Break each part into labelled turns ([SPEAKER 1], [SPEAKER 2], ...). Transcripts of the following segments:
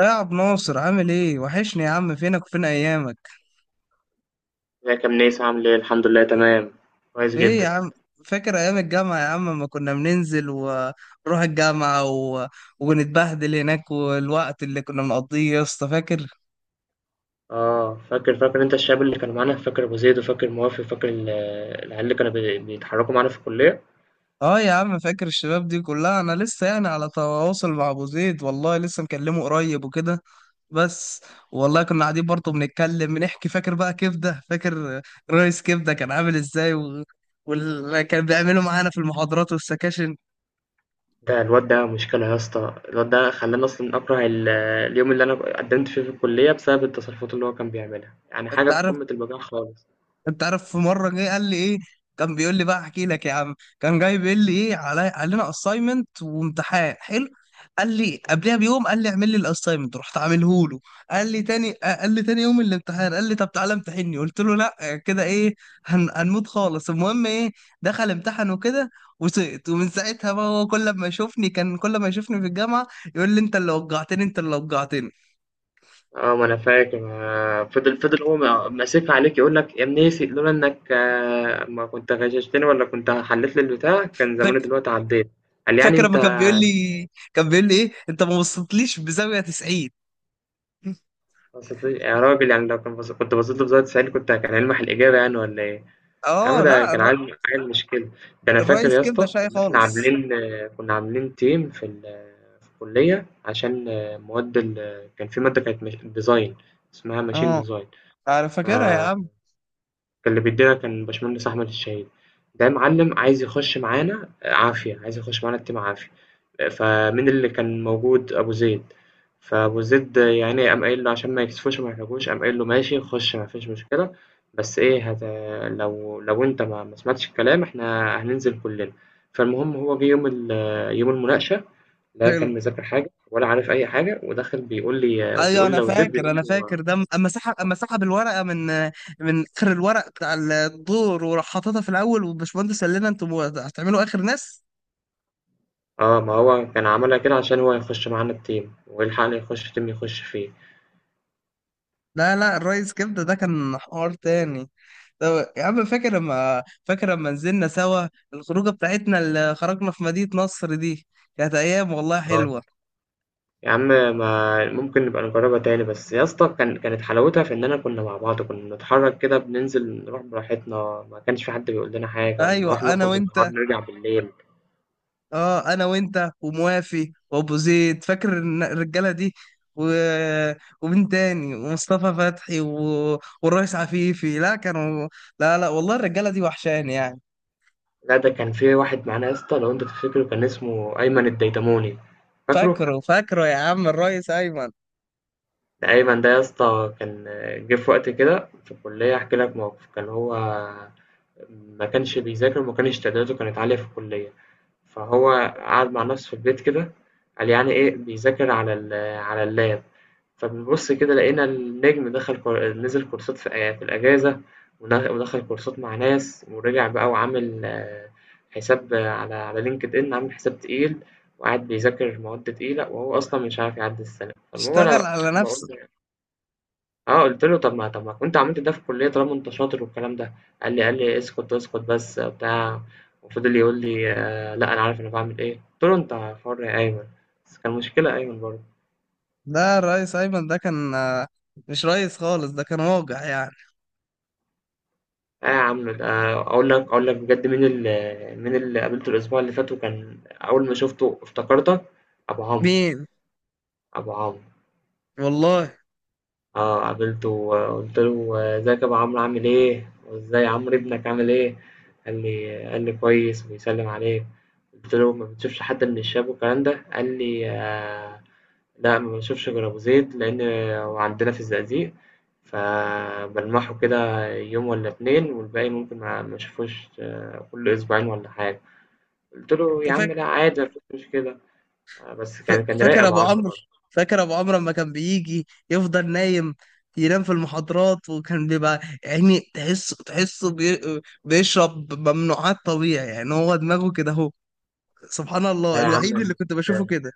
[SPEAKER 1] إيه يا عبد ناصر، عامل ايه؟ وحشني يا عم، فينك وفين ايامك؟
[SPEAKER 2] ازيك يا منيس؟ عامل ايه؟ الحمد لله، تمام، كويس
[SPEAKER 1] ايه
[SPEAKER 2] جدا.
[SPEAKER 1] يا عم، فاكر ايام الجامعه يا عم لما كنا بننزل ونروح الجامعه ونتبهدل هناك والوقت اللي كنا بنقضيه يا اسطى؟ فاكر؟
[SPEAKER 2] اه، فاكر انت الشباب اللي كانوا معانا، فاكر ابو زيد وفاكر موافي، فاكر العيال اللي كانوا بيتحركوا معانا في الكليه.
[SPEAKER 1] اه يا عم، فاكر الشباب دي كلها. انا لسه يعني على تواصل مع ابو زيد، والله لسه مكلمه قريب وكده. بس والله كنا قاعدين برضه بنتكلم بنحكي. فاكر بقى كبده؟ فاكر رئيس كبده كان عامل ازاي واللي كان بيعمله معانا في المحاضرات والسكاشن؟
[SPEAKER 2] ده الواد ده مشكله يا اسطى، الواد ده خلاني اصلا اكره اليوم اللي انا قدمت فيه في الكليه بسبب التصرفات اللي هو كان بيعملها، يعني
[SPEAKER 1] انت
[SPEAKER 2] حاجه في
[SPEAKER 1] عارف،
[SPEAKER 2] قمه البجاعه خالص.
[SPEAKER 1] انت عارف في مره جه قال لي ايه، كان بيقول لي بقى، احكي لك يا عم، كان جاي بيقول لي ايه: علينا اساينمنت وامتحان حلو. قال لي قبلها بيوم، قال لي اعمل لي الاساينمنت، رحت عامله له. قال لي تاني قال لي تاني يوم الامتحان قال لي طب تعالى امتحني. قلت له لا كده ايه، هنموت خالص. المهم ايه، دخل امتحن وكده وسقط. ومن ساعتها بقى هو كل ما يشوفني، كان كل ما يشوفني في الجامعه يقول لي انت اللي وجعتني، انت اللي وجعتني.
[SPEAKER 2] اه ما انا فاكر. فضل هو ماسك عليك يقول لك: يا منيسي، لولا انك ما كنت غششتني ولا كنت حلت لي البتاع كان زماني
[SPEAKER 1] فاك-
[SPEAKER 2] دلوقتي عديت. قال لي: يعني
[SPEAKER 1] فاكر
[SPEAKER 2] انت
[SPEAKER 1] لما كان بيقول لي، كان بيقول لي ايه، انت ما بصيتليش بزاويه 90؟
[SPEAKER 2] بسط لي يا راجل، يعني لو كان كنت بصيت له بزاوية 90 كنت كان هيلمح الإجابة يعني ولا إيه؟ يا عم
[SPEAKER 1] اه.
[SPEAKER 2] ده
[SPEAKER 1] لا
[SPEAKER 2] كان
[SPEAKER 1] الر-
[SPEAKER 2] عيل عيل، مش كده؟ ده أنا فاكر
[SPEAKER 1] الريس
[SPEAKER 2] يا
[SPEAKER 1] كبده
[SPEAKER 2] اسطى
[SPEAKER 1] شاي
[SPEAKER 2] كنا إحنا
[SPEAKER 1] خالص.
[SPEAKER 2] عاملين، كنا عاملين تيم في في الكلية، عشان مواد كان في مادة كانت مش... ديزاين، اسمها ماشين
[SPEAKER 1] اه
[SPEAKER 2] ديزاين.
[SPEAKER 1] انا فاكرها يا عم.
[SPEAKER 2] كان اللي بيدينا كان باشمهندس أحمد الشهيد، ده معلم عايز يخش معانا، عافية، عايز يخش معانا الteam، عافية. فمين اللي كان موجود؟ أبو زيد. فأبو زيد يا عيني قام قايل له، عشان ما يكسفوش وما يحرجوش، قام قايل له: ماشي، خش، ما فيش مشكلة، بس إيه؟ لو أنت ما سمعتش الكلام إحنا هننزل كلنا. فالمهم هو جه يوم المناقشة، لا كان
[SPEAKER 1] حلو.
[SPEAKER 2] مذاكر حاجة ولا عارف أي حاجة، وداخل بيقول لي
[SPEAKER 1] ايوه
[SPEAKER 2] وبيقول
[SPEAKER 1] انا
[SPEAKER 2] لأبو زيد،
[SPEAKER 1] فاكر،
[SPEAKER 2] بيقول
[SPEAKER 1] انا فاكر
[SPEAKER 2] له:
[SPEAKER 1] ده اما سحب، اما سحب الورقه من اخر الورق بتاع الدور وراح حاططها في الاول، والباشمهندس قال لنا انتوا هتعملوا اخر ناس.
[SPEAKER 2] ما هو كان عملها كده عشان هو يخش معانا الteam ويلحقنا، يخش team يخش فيه.
[SPEAKER 1] لا لا، الريس كبده ده كان حوار تاني. طب يا عم فاكر لما، فاكر لما نزلنا سوا الخروجه بتاعتنا اللي خرجنا في مدينه نصر دي؟ كانت ايام والله
[SPEAKER 2] آه،
[SPEAKER 1] حلوه.
[SPEAKER 2] يا عم، ما ممكن نبقى نجرّبها تاني، بس يا اسطى كان كانت حلاوتها في إننا كنا مع بعض، كنا بنتحرّك كده، بننزل نروح براحتنا، ما كانش في حد بيقول لنا حاجة،
[SPEAKER 1] ايوه
[SPEAKER 2] نروح
[SPEAKER 1] انا
[SPEAKER 2] نخرج بالنهار
[SPEAKER 1] وانت.
[SPEAKER 2] نرجع بالليل.
[SPEAKER 1] اه انا وانت وموافي وابو زيد، فاكر الرجاله دي و... ومين تاني؟ ومصطفى فتحي والريس عفيفي. لا كانوا، لا لا والله الرجاله دي وحشاني يعني.
[SPEAKER 2] لأ، ده كان في واحد معانا يا اسطى، لو أنت تفتكره، كان اسمه أيمن الديدموني، فاكره؟
[SPEAKER 1] فاكره، فاكره يا عم الريس ايمن.
[SPEAKER 2] ده أيمن ده يا اسطى كان جه في وقت كده في الكلية، هاحكي لك موقف. كان هو ما كانش بيذاكر وما كانش تقديراته كانت عالية في الكلية، فهو قعد مع نفسه في البيت كده، قال يعني إيه، بيذاكر على على اللاب. فبنبص كده لقينا النجم دخل نزل كورسات في الأجازة، ودخل كورسات مع ناس، ورجع بقى وعامل حساب على لينكد إن، عامل حساب تقيل، وقاعد بيذاكر مواد تقيلة وهو أصلا مش عارف يعدي السنة. فالمهم
[SPEAKER 1] اشتغل
[SPEAKER 2] أنا
[SPEAKER 1] على
[SPEAKER 2] بقول
[SPEAKER 1] نفسه.
[SPEAKER 2] آه، قُلت له: طَب ما كنت عملت ده في الكُلّية طالما أنت شاطر والكلام ده. قال لي: اسكت، اسكت بس، بتاع. وفضل يقول لي: لأ، أنا عارف أنا باعمل إيه. قُلت له: أنت حُر يا أيمن. بس كان مشكلة أيمن برضه.
[SPEAKER 1] ده الريس ايمن ده كان آه، مش ريس خالص، ده كان واجع يعني.
[SPEAKER 2] آه يا عم ده، أقول لك بجد، مين مين اللي قابلته الأسبوع اللي فات وكان أول ما شُفته افتكرتك؟ أبو عمرو.
[SPEAKER 1] مين؟
[SPEAKER 2] أبو عمرو.
[SPEAKER 1] والله.
[SPEAKER 2] آه، قابلته وقلت له: ازيك يا ابو عمرو، عامل ايه؟ وازاي عمرو ابنك، عامل ايه؟ قال لي: كويس وبيسلم عليك. قلت له: ما بتشوفش حد من الشباب والكلام ده؟ قال لي: لا، ما بشوفش غير ابو زيد، لان هو عندنا في الزقازيق، فبلمحه كده يوم ولا اتنين، والباقي ممكن ما اشوفوش، كل اسبوعين ولا حاجه. قلت له:
[SPEAKER 1] انت
[SPEAKER 2] يا عم،
[SPEAKER 1] فاكر؟
[SPEAKER 2] لا عادي، مفيش مشكله. بس
[SPEAKER 1] ف-
[SPEAKER 2] كان رايق
[SPEAKER 1] فاكر
[SPEAKER 2] ابو
[SPEAKER 1] ابو
[SPEAKER 2] عمرو
[SPEAKER 1] عمرو؟
[SPEAKER 2] برضه.
[SPEAKER 1] فاكر ابو عمرو لما كان بيجي يفضل نايم، ينام في المحاضرات، وكان بيبقى يعني تحس، بيشرب ممنوعات طبيعي، يعني هو دماغه كده اهو. سبحان
[SPEAKER 2] لا
[SPEAKER 1] الله،
[SPEAKER 2] يا عم،
[SPEAKER 1] الوحيد اللي كنت بشوفه كده.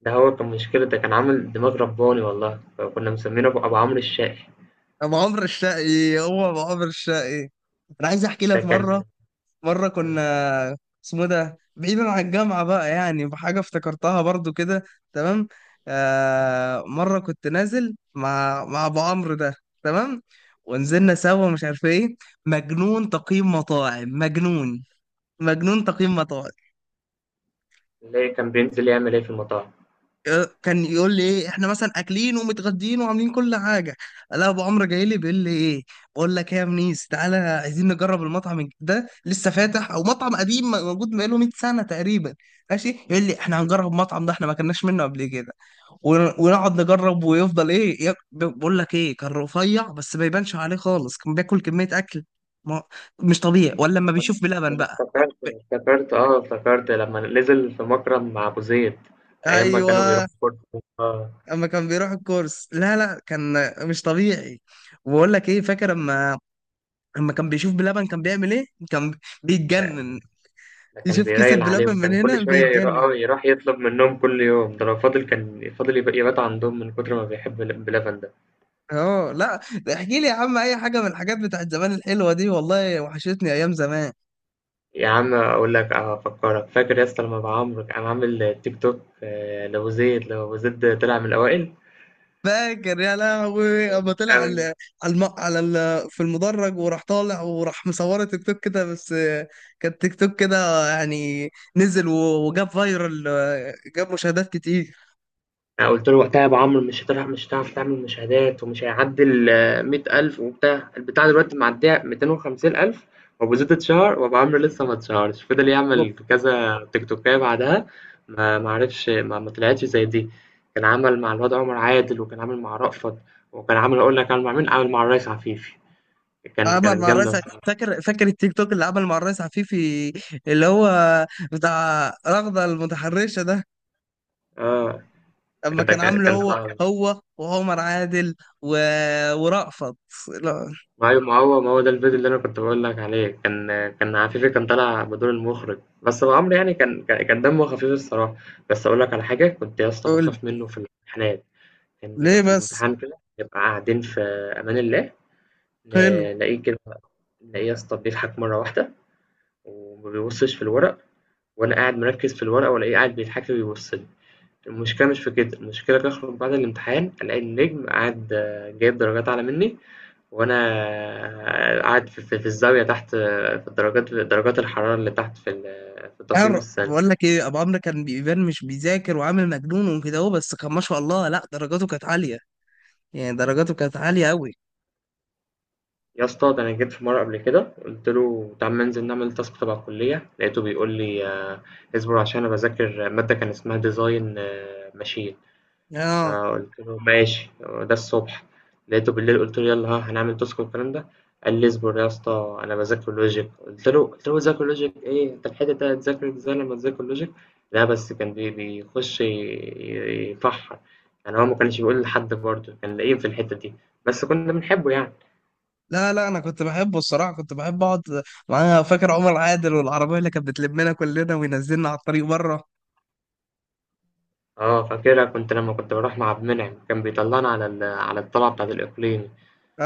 [SPEAKER 2] ده هو كان مشكلة، ده كان عامل دماغ رباني والله، فكنا مسمينه أبو عمرو الشقي.
[SPEAKER 1] ابو عمرو الشقي، هو ابو عمرو الشقي. انا عايز احكي
[SPEAKER 2] ده
[SPEAKER 1] لك
[SPEAKER 2] كان.
[SPEAKER 1] مره، مرة
[SPEAKER 2] آه،
[SPEAKER 1] كنا، اسمه ده بعيدا عن الجامعة بقى، يعني بحاجة افتكرتها برضو كده. تمام. آه مرة كنت نازل مع أبو عمرو ده. تمام. ونزلنا سوا مش عارف ايه. مجنون تقييم مطاعم، مجنون، مجنون تقييم مطاعم.
[SPEAKER 2] اللي كان بينزل يعمل إيه في المطاعم.
[SPEAKER 1] كان يقول لي ايه احنا مثلا اكلين ومتغدين وعاملين كل حاجه، لا ابو عمرو جاي لي بيقول لي ايه، بقول لك ايه يا منيس، تعالى عايزين نجرب المطعم ده لسه فاتح، او مطعم قديم موجود بقاله 100 سنه تقريبا. ماشي يقول لي احنا هنجرب المطعم ده، احنا ما كناش منه قبل كده ونقعد نجرب ويفضل ايه بقول لك ايه، كان رفيع بس ما يبانش عليه خالص، كان بياكل كميه اكل ما- مش طبيعي، ولا لما
[SPEAKER 2] ما أنا
[SPEAKER 1] بيشوف
[SPEAKER 2] ما
[SPEAKER 1] بلبن
[SPEAKER 2] أنا
[SPEAKER 1] بقى.
[SPEAKER 2] افتكرت،
[SPEAKER 1] ب-
[SPEAKER 2] افتكرت لما نزل في مكرم مع أبو زيد أيام ما
[SPEAKER 1] ايوه.
[SPEAKER 2] كانوا بيروحوا كورة. آه،
[SPEAKER 1] اما كان بيروح الكورس، لا لا كان مش طبيعي. وبقول لك ايه، فاكر اما، اما كان بيشوف بلبن كان بيعمل ايه؟ كان بيتجنن.
[SPEAKER 2] ده كان
[SPEAKER 1] يشوف كيسة
[SPEAKER 2] بيرايل عليه،
[SPEAKER 1] بلبن من
[SPEAKER 2] وكان كل
[SPEAKER 1] هنا
[SPEAKER 2] شوية يروح،
[SPEAKER 1] بيتجنن.
[SPEAKER 2] يروح يطلب منهم كل يوم، ده لو فاضل كان فاضل يبات عندهم من كتر ما بيحب بلبن ده.
[SPEAKER 1] اه لا. احكي لي يا عم اي حاجه من الحاجات بتاعت زمان الحلوه دي، والله وحشتني ايام زمان.
[SPEAKER 2] يا عم اقول لك، افكرك، فاكر يا اسطى لما ابو عمرو كان عامل تيك توك؟ لو زيد طلع من الاوائل.
[SPEAKER 1] فاكر يا لهوي اما طلع
[SPEAKER 2] انا
[SPEAKER 1] على، في المدرج وراح طالع وراح مصوره تيك توك كده بس آه، كان تيك توك كده يعني، نزل وجاب فايرال آه، جاب مشاهدات كتير.
[SPEAKER 2] أنا قلت له وقتها: يا ابو عمرو مش هتلعب، مش هتعرف تعمل مشاهدات، ومش هيعدي ال 100,000، وبتاع البتاع دلوقتي معديه 250,000. وابو زيد اتشهر وابو عمرو لسه ما اتشهرش، فضل يعمل كذا تيك توكايه بعدها، ما عرفش، ما طلعتش زي دي. كان عمل مع الواد عمر عادل، وكان عامل مع رأفت، وكان عامل، اقول لك عامل مع مين، عامل مع الريس عفيفي. كان
[SPEAKER 1] عمل
[SPEAKER 2] كانت
[SPEAKER 1] مع
[SPEAKER 2] جامده.
[SPEAKER 1] الريس ع- فاكر، فاكر التيك توك اللي عمل مع الريس عفيفي، اللي هو بتاع رغدة المتحرشة ده؟
[SPEAKER 2] آه،
[SPEAKER 1] اما
[SPEAKER 2] ده
[SPEAKER 1] كان
[SPEAKER 2] كان
[SPEAKER 1] عامله
[SPEAKER 2] كان
[SPEAKER 1] هو،
[SPEAKER 2] صعب.
[SPEAKER 1] هو وعمر عادل و... ورأفت. لا.
[SPEAKER 2] ما هو ده الفيديو اللي أنا كنت بقول لك عليه، كان عفيفي كان طالع بدور المخرج، بس أبو عمرو يعني كان دمه خفيف الصراحة. بس أقول لك على حاجة، كنت يا اسطى
[SPEAKER 1] قول
[SPEAKER 2] بخاف منه في الامتحانات. كان بيبقى
[SPEAKER 1] ليه
[SPEAKER 2] في
[SPEAKER 1] بس.
[SPEAKER 2] الامتحان كده، نبقى قاعدين في أمان الله،
[SPEAKER 1] حلو.
[SPEAKER 2] نلاقيه كده، نلاقيه يا اسطى بيضحك مرة واحدة وما بيبصش في الورق، وأنا قاعد مركز في الورقة وألاقيه قاعد بيضحك لي وبيبص لي. المشكلة مش في كده، المشكلة بخرج بعد الامتحان ألاقي النجم قاعد، جايب درجات أعلى مني، وانا قاعد في في الزاويه تحت، في درجات الحراره اللي تحت في في التقييم
[SPEAKER 1] حر،
[SPEAKER 2] السنوي.
[SPEAKER 1] بقول لك ايه، ابو عمرو كان بيبان مش بيذاكر وعامل مجنون وكده، هو بس كان ما شاء الله لا، درجاته كانت عالية يعني، درجاته كانت عالية قوي.
[SPEAKER 2] يا اسطى، ده انا جيت في مره قبل كده، قلت له: تعال ما ننزل نعمل تاسك تبع الكليه. لقيته بيقول لي: اصبر عشان انا بذاكر ماده كان اسمها ديزاين ماشين.
[SPEAKER 1] اه.
[SPEAKER 2] فقُلت له: ماشي. ده الصبح. لقيته بالليل، قُلت له: يالّا، ها هنعمل تاسك والكلام ده. قال لي: اصبر يا اسطى أنا باذاكر logic. قُلت له: باذاكر logic إيه؟ أنت الحتة دي هتذاكر إزاي لمّا تذاكر logic؟ لأ بس كان بيخش يفحّر، يعني هو ما كانش بيقول لحد برضه، كان لئيم في الحتة دي، بس كُنّا بنحبه يعني.
[SPEAKER 1] لا لا انا كنت بحبه الصراحه، كنت بحب اقعد معايا. فاكر عمر عادل والعربيه اللي كانت بتلمنا كلنا وينزلنا على الطريق بره؟
[SPEAKER 2] آه فاكرها. كنت لمّا كنت باروح مع عبد المنعم، كان بيطلّعنا على على الطلعة بتاعة الإقليمي.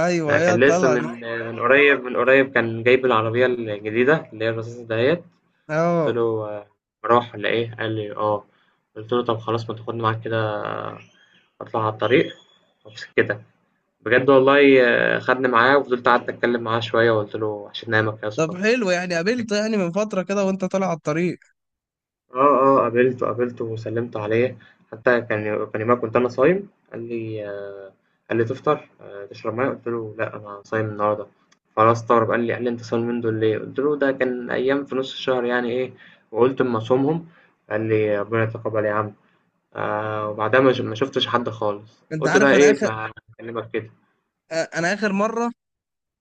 [SPEAKER 1] ايوه
[SPEAKER 2] لأ
[SPEAKER 1] هي
[SPEAKER 2] كان لسه
[SPEAKER 1] الطلعه
[SPEAKER 2] من
[SPEAKER 1] دي.
[SPEAKER 2] من قريب من قريب، كان جايب العربية الجديدة اللي هي الرصاصة دهيّة. قُلت
[SPEAKER 1] اه.
[SPEAKER 2] له: مروّح والّا إيه؟ قال لي: آه. قُلت له: طب خلاص، ما تاخدني معاك كده، أطلع على الطريق وأبص كده. بجد والله، خدني معاه وفضلت قعدت أتكلم معاه شوية، وقُلت له: عشان أنامك يا
[SPEAKER 1] طب
[SPEAKER 2] اسطى.
[SPEAKER 1] حلو يعني،
[SPEAKER 2] والدنيا
[SPEAKER 1] قابلته يعني من فتره كده وانت طالع على الطريق؟
[SPEAKER 2] آه. آه، قابلته، قابلته وسلِّمت عليه، حتى كان يومها كنت أنا صايم، قال لي، قال لي: تفطر، تشرب مَيّة؟ قُلت له: لأ، أنا صايم النهارده. فأنا استغرب، قال لي: أنت صايم اليومين دول ليه؟ قُلت له: ده كان أيام في نُص الشهر يعني إيه، وقُلت أمّا أصومهم. قال لي: ربنا يتقبّل يا عم. وبعدها ما شُفتش حد خالص،
[SPEAKER 1] انت
[SPEAKER 2] قُلت بقى
[SPEAKER 1] عارف انا
[SPEAKER 2] إيه،
[SPEAKER 1] اخر
[SPEAKER 2] ما أكلّمك كده.
[SPEAKER 1] آه، انا اخر مره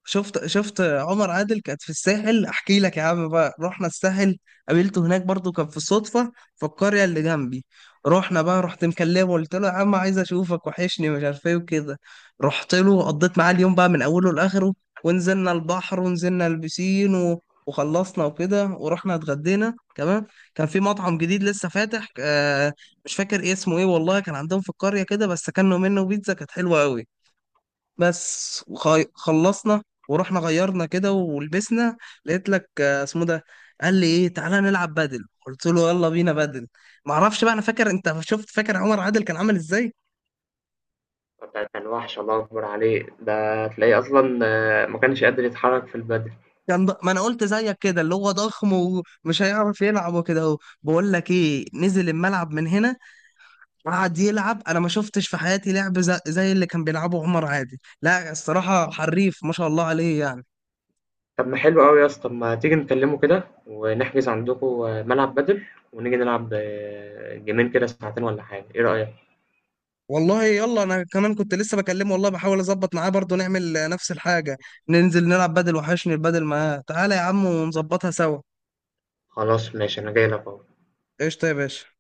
[SPEAKER 1] شفت، شفت عمر عادل كانت في الساحل. احكي لك يا عم، بقى رحنا الساحل، قابلته هناك برضو، كان في صدفة في القرية اللي جنبي. رحنا بقى، رحت مكلمه، قلت له يا عم عايز اشوفك، وحشني مش عارف ايه وكده. رحت له، قضيت معاه اليوم بقى من اوله لاخره. ونزلنا البحر ونزلنا البسين وخلصنا وكده، ورحنا اتغدينا كمان. كان في مطعم جديد لسه فاتح آه، مش فاكر إيه اسمه، ايه والله، كان عندهم في القرية كده بس كانوا منه بيتزا كانت حلوة قوي. بس خلصنا ورحنا غيرنا كده ولبسنا. لقيت لك آه، اسمه ده، قال لي ايه تعالى نلعب بدل، قلت له يلا بينا بدل. ما اعرفش بقى، انا فاكر، انت شفت فاكر عمر عادل كان عامل ازاي؟
[SPEAKER 2] ده كان وَحش، الله أكبر عليه، ده تلاقيه أصلًا، ما كانش قادر يتحرّك في البدن.
[SPEAKER 1] ما انا قلت زيك كده، اللي هو ضخم ومش هيعرف يلعب وكده اهو، بقول لك ايه، نزل الملعب من هنا قعد يلعب، انا ما شفتش في حياتي لعب زي اللي كان بيلعبه عمر عادل. لا الصراحة حريف ما شاء الله عليه يعني.
[SPEAKER 2] طب ما حلو أوي يا اسطى، طب ما تيجي نكلمه كده ونحجز عندكوا ملعب بدل، ونيجي نلعب، جيمين كده ساعتين ولا حاجة، إيه رأيك؟
[SPEAKER 1] والله يلا، انا كمان كنت لسه بكلمه والله بحاول اظبط معاه برضه نعمل آه، نفس الحاجه، ننزل نلعب بدل، وحشني البدل معاه. تعالى يا عم ونظبطها سوا.
[SPEAKER 2] خلاص ماشي، أنا جاي لك أهو.
[SPEAKER 1] قشطه يا باشا.